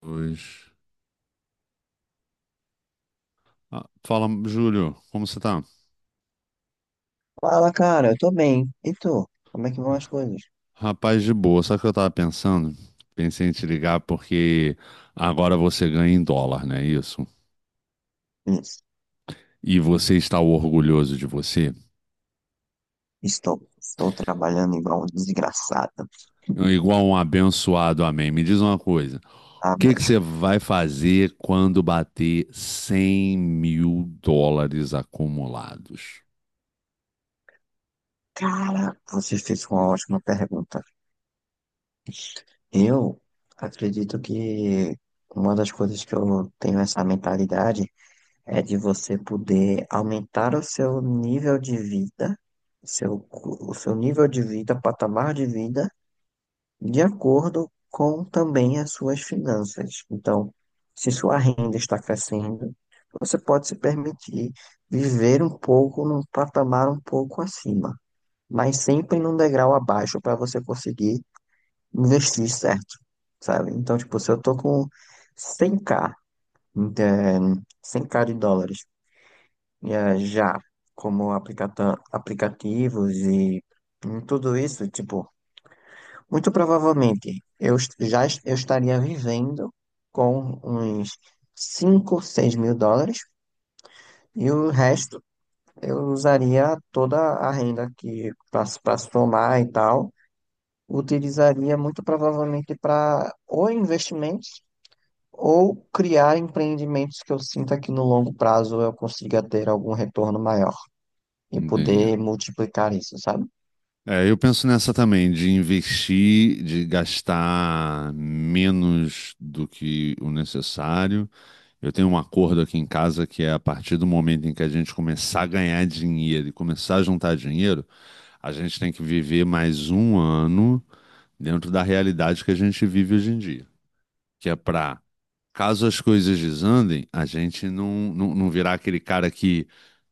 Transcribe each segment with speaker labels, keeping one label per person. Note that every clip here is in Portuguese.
Speaker 1: Pois. Ah, fala, Júlio, como você tá?
Speaker 2: Fala, cara, eu tô bem. E tu? Como é que vão as coisas?
Speaker 1: Rapaz, de boa. Sabe o que eu tava pensando? Pensei em te ligar porque agora você ganha em dólar, não é isso?
Speaker 2: Isso.
Speaker 1: E você está orgulhoso de você?
Speaker 2: Estou trabalhando igual um desgraçado.
Speaker 1: Igual um abençoado, amém. Me diz uma coisa:
Speaker 2: Ah,
Speaker 1: o que que
Speaker 2: mas,
Speaker 1: você vai fazer quando bater 100 mil dólares acumulados?
Speaker 2: cara, você fez uma ótima pergunta. Eu acredito que uma das coisas que eu tenho essa mentalidade é de você poder aumentar o seu nível de vida, seu, o seu nível de vida, patamar de vida de acordo com também as suas finanças. Então, se sua renda está crescendo, você pode se permitir viver um pouco num patamar um pouco acima, mas sempre num degrau abaixo para você conseguir investir certo, sabe? Então, tipo, se eu tô com 100K, de, 100K de dólares, já como aplicativos e em tudo isso, tipo, muito provavelmente, eu estaria vivendo com uns 5 ou 6 mil dólares e o resto eu usaria toda a renda que para somar e tal, utilizaria muito provavelmente para ou investimentos ou criar empreendimentos que eu sinta que no longo prazo eu consiga ter algum retorno maior e
Speaker 1: Entendi.
Speaker 2: poder multiplicar isso, sabe?
Speaker 1: É, eu penso nessa também, de investir, de gastar menos do que o necessário. Eu tenho um acordo aqui em casa que é a partir do momento em que a gente começar a ganhar dinheiro e começar a juntar dinheiro, a gente tem que viver mais um ano dentro da realidade que a gente vive hoje em dia, que é para, caso as coisas desandem, a gente não virar aquele cara que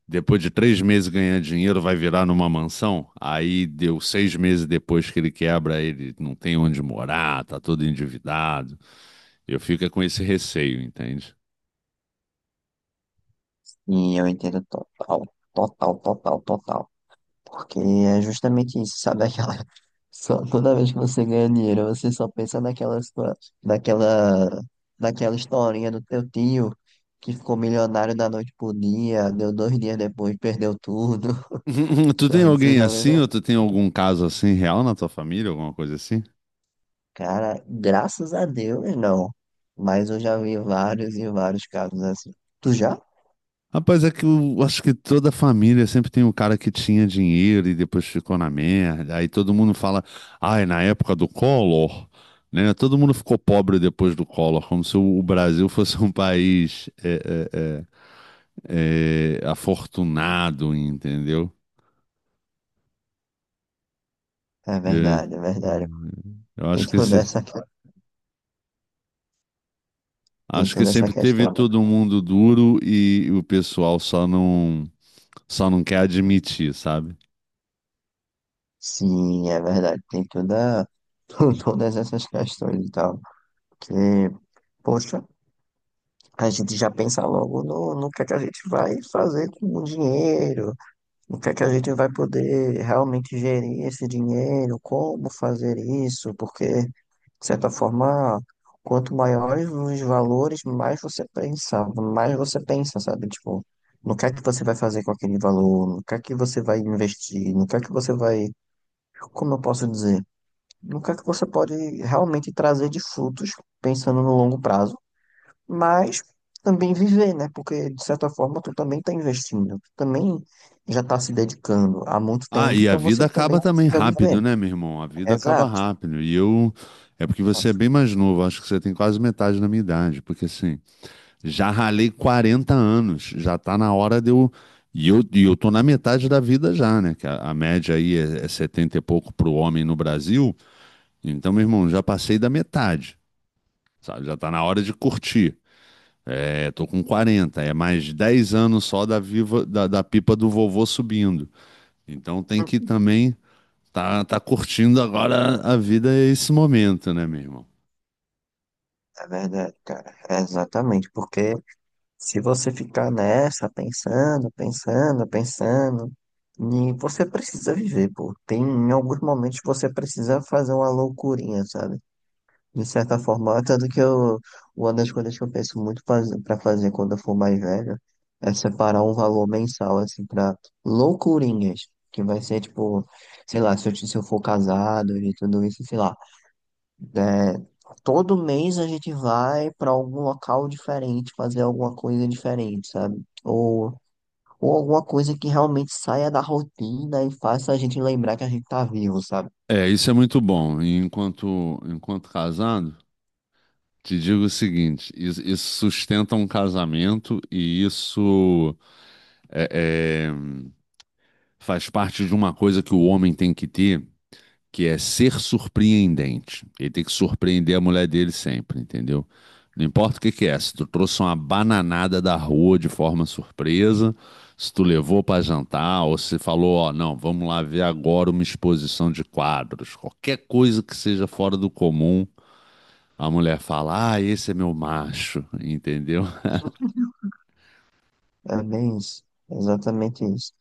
Speaker 1: depois de três meses ganhando dinheiro, vai virar numa mansão. Aí deu seis meses depois que ele quebra, ele não tem onde morar, tá todo endividado. Eu fico é com esse receio, entende?
Speaker 2: E eu entendo total, total, total, total. Porque é justamente isso, sabe? Aquela. Só, toda vez que você ganha dinheiro, você só pensa naquela, naquela historinha do teu tio que ficou milionário da noite pro dia, deu 2 dias depois, perdeu tudo,
Speaker 1: Tu tem
Speaker 2: sabe? Você
Speaker 1: alguém
Speaker 2: já
Speaker 1: assim,
Speaker 2: lembra?
Speaker 1: ou tu tem algum caso assim real na tua família, alguma coisa assim?
Speaker 2: Cara, graças a Deus, não. Mas eu já vi vários e vários casos assim. Tu já?
Speaker 1: Rapaz, é que eu acho que toda família sempre tem um cara que tinha dinheiro e depois ficou na merda. Aí todo mundo fala, ai, na época do Collor, né? Todo mundo ficou pobre depois do Collor, como se o Brasil fosse um país é, afortunado, entendeu?
Speaker 2: É
Speaker 1: É.
Speaker 2: verdade, é verdade.
Speaker 1: Hum, Eu
Speaker 2: Tem
Speaker 1: acho que
Speaker 2: toda essa, que- tem
Speaker 1: acho que
Speaker 2: toda essa
Speaker 1: sempre teve
Speaker 2: questão, né?
Speaker 1: todo mundo duro e o pessoal só não quer admitir, sabe?
Speaker 2: Sim, é verdade. Todas essas questões e tal. Que, poxa, a gente já pensa logo no que é que a gente vai fazer com o dinheiro, no que é que a gente vai poder realmente gerir esse dinheiro, como fazer isso, porque, de certa forma, quanto maiores os valores, mais você pensa, sabe? Tipo, no que é que você vai fazer com aquele valor, no que é que você vai investir, no que é que você vai, como eu posso dizer, no que é que você pode realmente trazer de frutos pensando no longo prazo, mas também viver, né? Porque, de certa forma, tu também está investindo, tu também já está se dedicando há muito
Speaker 1: Ah,
Speaker 2: tempo,
Speaker 1: e a
Speaker 2: então
Speaker 1: vida
Speaker 2: você também
Speaker 1: acaba também
Speaker 2: precisa viver.
Speaker 1: rápido, né, meu irmão? A vida acaba
Speaker 2: Exato,
Speaker 1: rápido. E eu. É porque você é
Speaker 2: exato.
Speaker 1: bem mais novo, acho que você tem quase metade da minha idade. Porque assim, já ralei 40 anos, já tá na hora de eu. E eu tô na metade da vida já, né? Que a média aí é 70 e pouco pro homem no Brasil. Então, meu irmão, já passei da metade, sabe? Já tá na hora de curtir. É, tô com 40. É mais 10 anos só da, viva, da pipa do vovô subindo. Então tem que também. Tá, tá curtindo agora a vida e esse momento, né, meu irmão?
Speaker 2: É verdade, cara. É exatamente, porque se você ficar nessa, pensando, pensando, pensando, e você precisa viver, pô. Em alguns momentos você precisa fazer uma loucurinha, sabe? De certa forma, tanto que eu, uma das coisas que eu penso muito para fazer quando eu for mais velho é separar um valor mensal, assim, para loucurinhas, que vai ser tipo, sei lá, se eu for casado e tudo isso, sei lá. É, todo mês a gente vai para algum local diferente, fazer alguma coisa diferente, sabe? Ou alguma coisa que realmente saia da rotina e faça a gente lembrar que a gente tá vivo, sabe?
Speaker 1: É, isso é muito bom. E enquanto casado, te digo o seguinte: isso sustenta um casamento e isso é, é, faz parte de uma coisa que o homem tem que ter, que é ser surpreendente. Ele tem que surpreender a mulher dele sempre, entendeu? Não importa o que que é, se tu trouxe uma bananada da rua de forma surpresa, se tu levou para jantar, ou se falou, ó, não, vamos lá ver agora uma exposição de quadros, qualquer coisa que seja fora do comum, a mulher fala, ah, esse é meu macho, entendeu?
Speaker 2: É bem isso, exatamente isso.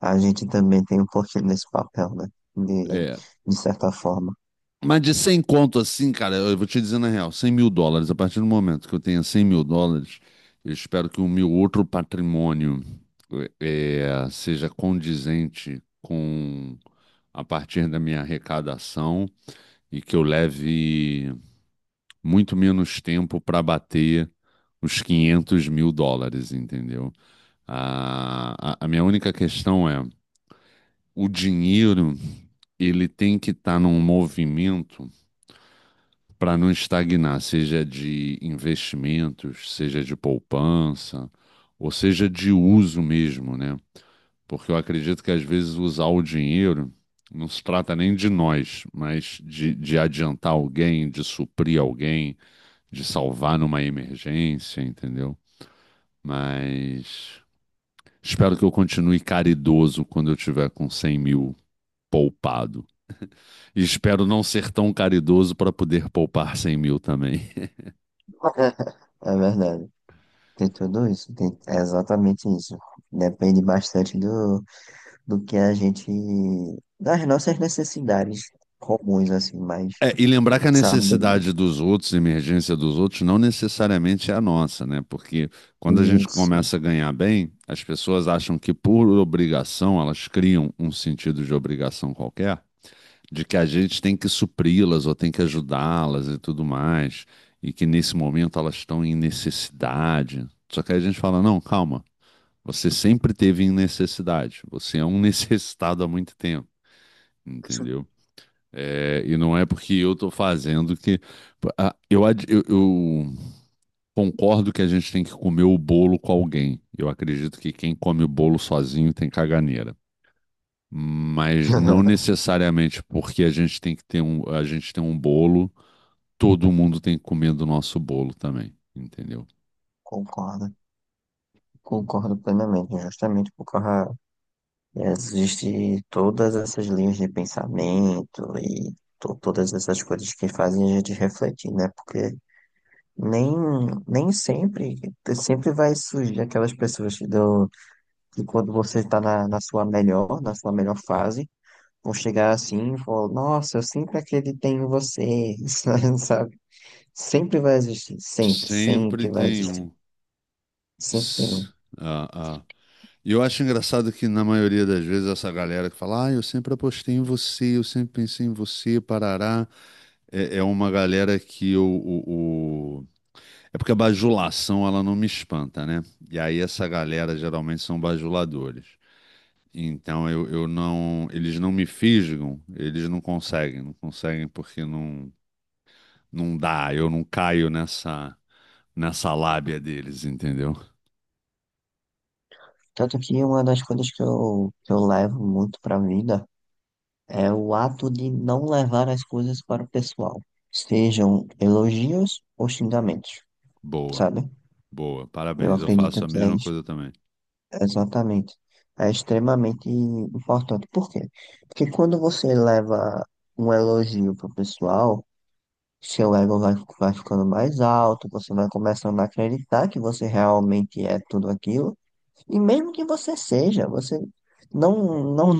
Speaker 2: A gente também tem um pouquinho desse papel, né? De,
Speaker 1: É.
Speaker 2: de certa forma.
Speaker 1: Mas de 100 conto assim, cara, eu vou te dizer na real, cem mil dólares, a partir do momento que eu tenha 100 mil dólares, eu espero que o meu outro patrimônio eh, seja condizente com a partir da minha arrecadação e que eu leve muito menos tempo para bater os 500 mil dólares, entendeu? A minha única questão é, o dinheiro, ele tem que estar num movimento para não estagnar, seja de investimentos, seja de poupança, ou seja de uso mesmo, né? Porque eu acredito que às vezes usar o dinheiro não se trata nem de nós, mas de adiantar alguém, de suprir alguém, de salvar numa emergência, entendeu? Mas espero que eu continue caridoso quando eu tiver com 100 mil poupado. E espero não ser tão caridoso para poder poupar 100 mil também.
Speaker 2: É verdade. Tem tudo isso. É exatamente isso. Depende bastante do que a gente. Das nossas necessidades comuns, assim, mas.
Speaker 1: É, e lembrar que a
Speaker 2: Sabe?
Speaker 1: necessidade dos outros, a emergência dos outros, não necessariamente é a nossa, né? Porque quando a gente
Speaker 2: Isso.
Speaker 1: começa a ganhar bem, as pessoas acham que por obrigação, elas criam um sentido de obrigação qualquer, de que a gente tem que supri-las ou tem que ajudá-las e tudo mais, e que nesse momento elas estão em necessidade. Só que aí a gente fala: não, calma, você sempre teve em necessidade, você é um necessitado há muito tempo, entendeu? É, e não é porque eu estou fazendo que. Ah, eu concordo que a gente tem que comer o bolo com alguém. Eu acredito que quem come o bolo sozinho tem caganeira. Mas não necessariamente porque a gente tem que ter um, a gente tem um bolo, todo mundo tem que comer do nosso bolo também, entendeu?
Speaker 2: Concordo. Concordo plenamente. Justamente por causa. Existe todas essas linhas de pensamento e todas essas coisas que fazem a gente refletir, né? Porque. Nem, nem sempre, vai surgir aquelas pessoas que, dão, que quando você está na sua melhor fase, vão chegar assim e falar, nossa, eu sempre acreditei em você, sabe? Sempre vai existir, sempre,
Speaker 1: Sempre
Speaker 2: sempre vai
Speaker 1: tem
Speaker 2: existir,
Speaker 1: um.
Speaker 2: sempre tem
Speaker 1: S-
Speaker 2: um.
Speaker 1: Ah, ah. E eu acho engraçado que, na maioria das vezes, essa galera que fala, ah, eu sempre apostei em você, eu sempre pensei em você, parará, é uma galera que é porque a bajulação, ela não me espanta, né? E aí essa galera geralmente são bajuladores. Então eu não... Eles não me fisgam, eles não conseguem, não conseguem porque não dá, eu não caio nessa lábia deles, entendeu?
Speaker 2: Tanto que uma das coisas que eu levo muito para vida é o ato de não levar as coisas para o pessoal, sejam elogios ou xingamentos,
Speaker 1: Boa,
Speaker 2: sabe?
Speaker 1: boa,
Speaker 2: Eu
Speaker 1: parabéns, eu faço
Speaker 2: acredito
Speaker 1: a
Speaker 2: que é.
Speaker 1: mesma coisa também.
Speaker 2: Exatamente. É extremamente importante. Por quê? Porque quando você leva um elogio pro pessoal, seu ego vai ficando mais alto, você vai começando a acreditar que você realmente é tudo aquilo. E mesmo que você seja, você não, não,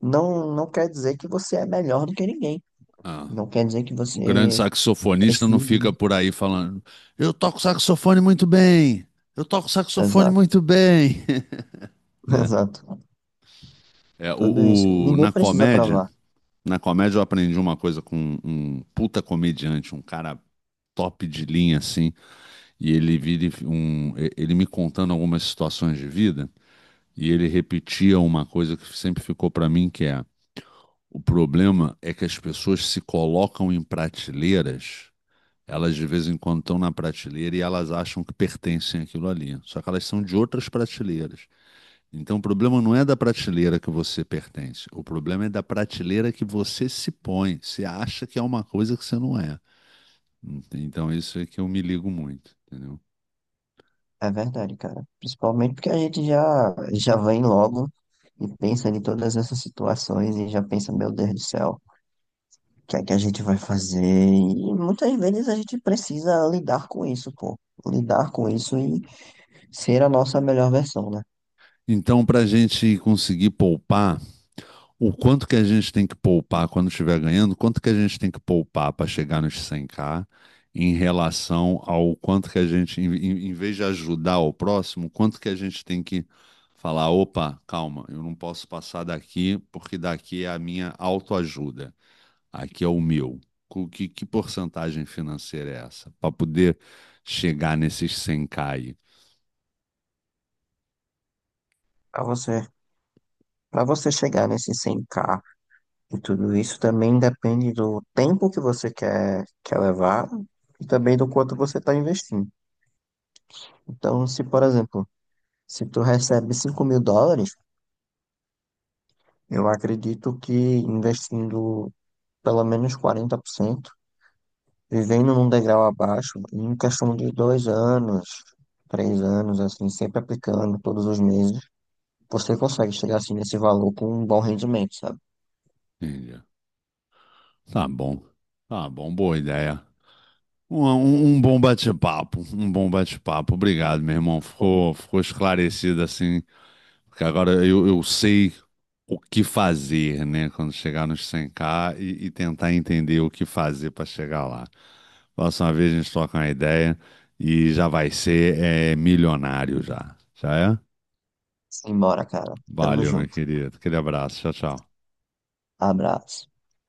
Speaker 2: não, não quer dizer que você é melhor do que ninguém.
Speaker 1: Ah.
Speaker 2: Não quer dizer que
Speaker 1: O grande
Speaker 2: você
Speaker 1: saxofonista não
Speaker 2: precisa.
Speaker 1: fica por aí falando, eu toco saxofone muito bem, eu toco saxofone
Speaker 2: Exato,
Speaker 1: muito bem, né?
Speaker 2: exato.
Speaker 1: É,
Speaker 2: Tudo isso. Ninguém precisa provar.
Speaker 1: na comédia eu aprendi uma coisa com um puta comediante, um cara top de linha assim, e ele vira e ele me contando algumas situações de vida, e ele repetia uma coisa que sempre ficou pra mim, que é, o problema é que as pessoas se colocam em prateleiras. Elas de vez em quando estão na prateleira e elas acham que pertencem àquilo ali. Só que elas são de outras prateleiras. Então o problema não é da prateleira que você pertence. O problema é da prateleira que você se põe. Você acha que é uma coisa que você não é. Então isso é que eu me ligo muito, entendeu?
Speaker 2: É verdade, cara. Principalmente porque a gente já, já vem logo e pensa em todas essas situações e já pensa, meu Deus do céu, o que é que a gente vai fazer? E muitas vezes a gente precisa lidar com isso, pô. Lidar com isso e ser a nossa melhor versão, né?
Speaker 1: Então, para a gente conseguir poupar o quanto que a gente tem que poupar quando estiver ganhando, quanto que a gente tem que poupar para chegar nos 100k em relação ao quanto que a gente, em vez de ajudar o próximo, quanto que a gente tem que falar, opa, calma, eu não posso passar daqui porque daqui é a minha autoajuda, aqui é o meu. Que porcentagem financeira é essa? Para poder chegar nesses 100k aí.
Speaker 2: Pra você, para você chegar nesse 100K e tudo isso também depende do tempo que você quer levar e também do quanto você está investindo. Então, se, por exemplo, se tu recebe 5 mil dólares. Eu acredito que investindo pelo menos 40%, vivendo num degrau abaixo, em questão de 2 anos, 3 anos, assim, sempre aplicando todos os meses, você consegue chegar assim nesse valor com um bom rendimento, sabe?
Speaker 1: Entendi. Tá bom. Tá bom, boa ideia. Um bom bate-papo, um bom bate-papo. Obrigado, meu irmão.
Speaker 2: Pô,
Speaker 1: Ficou esclarecido assim. Porque agora eu sei o que fazer, né? Quando chegar nos 100k e tentar entender o que fazer para chegar lá. Próxima vez a gente troca uma ideia e já vai ser é, milionário já. Já é?
Speaker 2: simbora, cara. Tamo
Speaker 1: Valeu, meu
Speaker 2: junto.
Speaker 1: querido. Aquele abraço. Tchau, tchau.
Speaker 2: Abraço.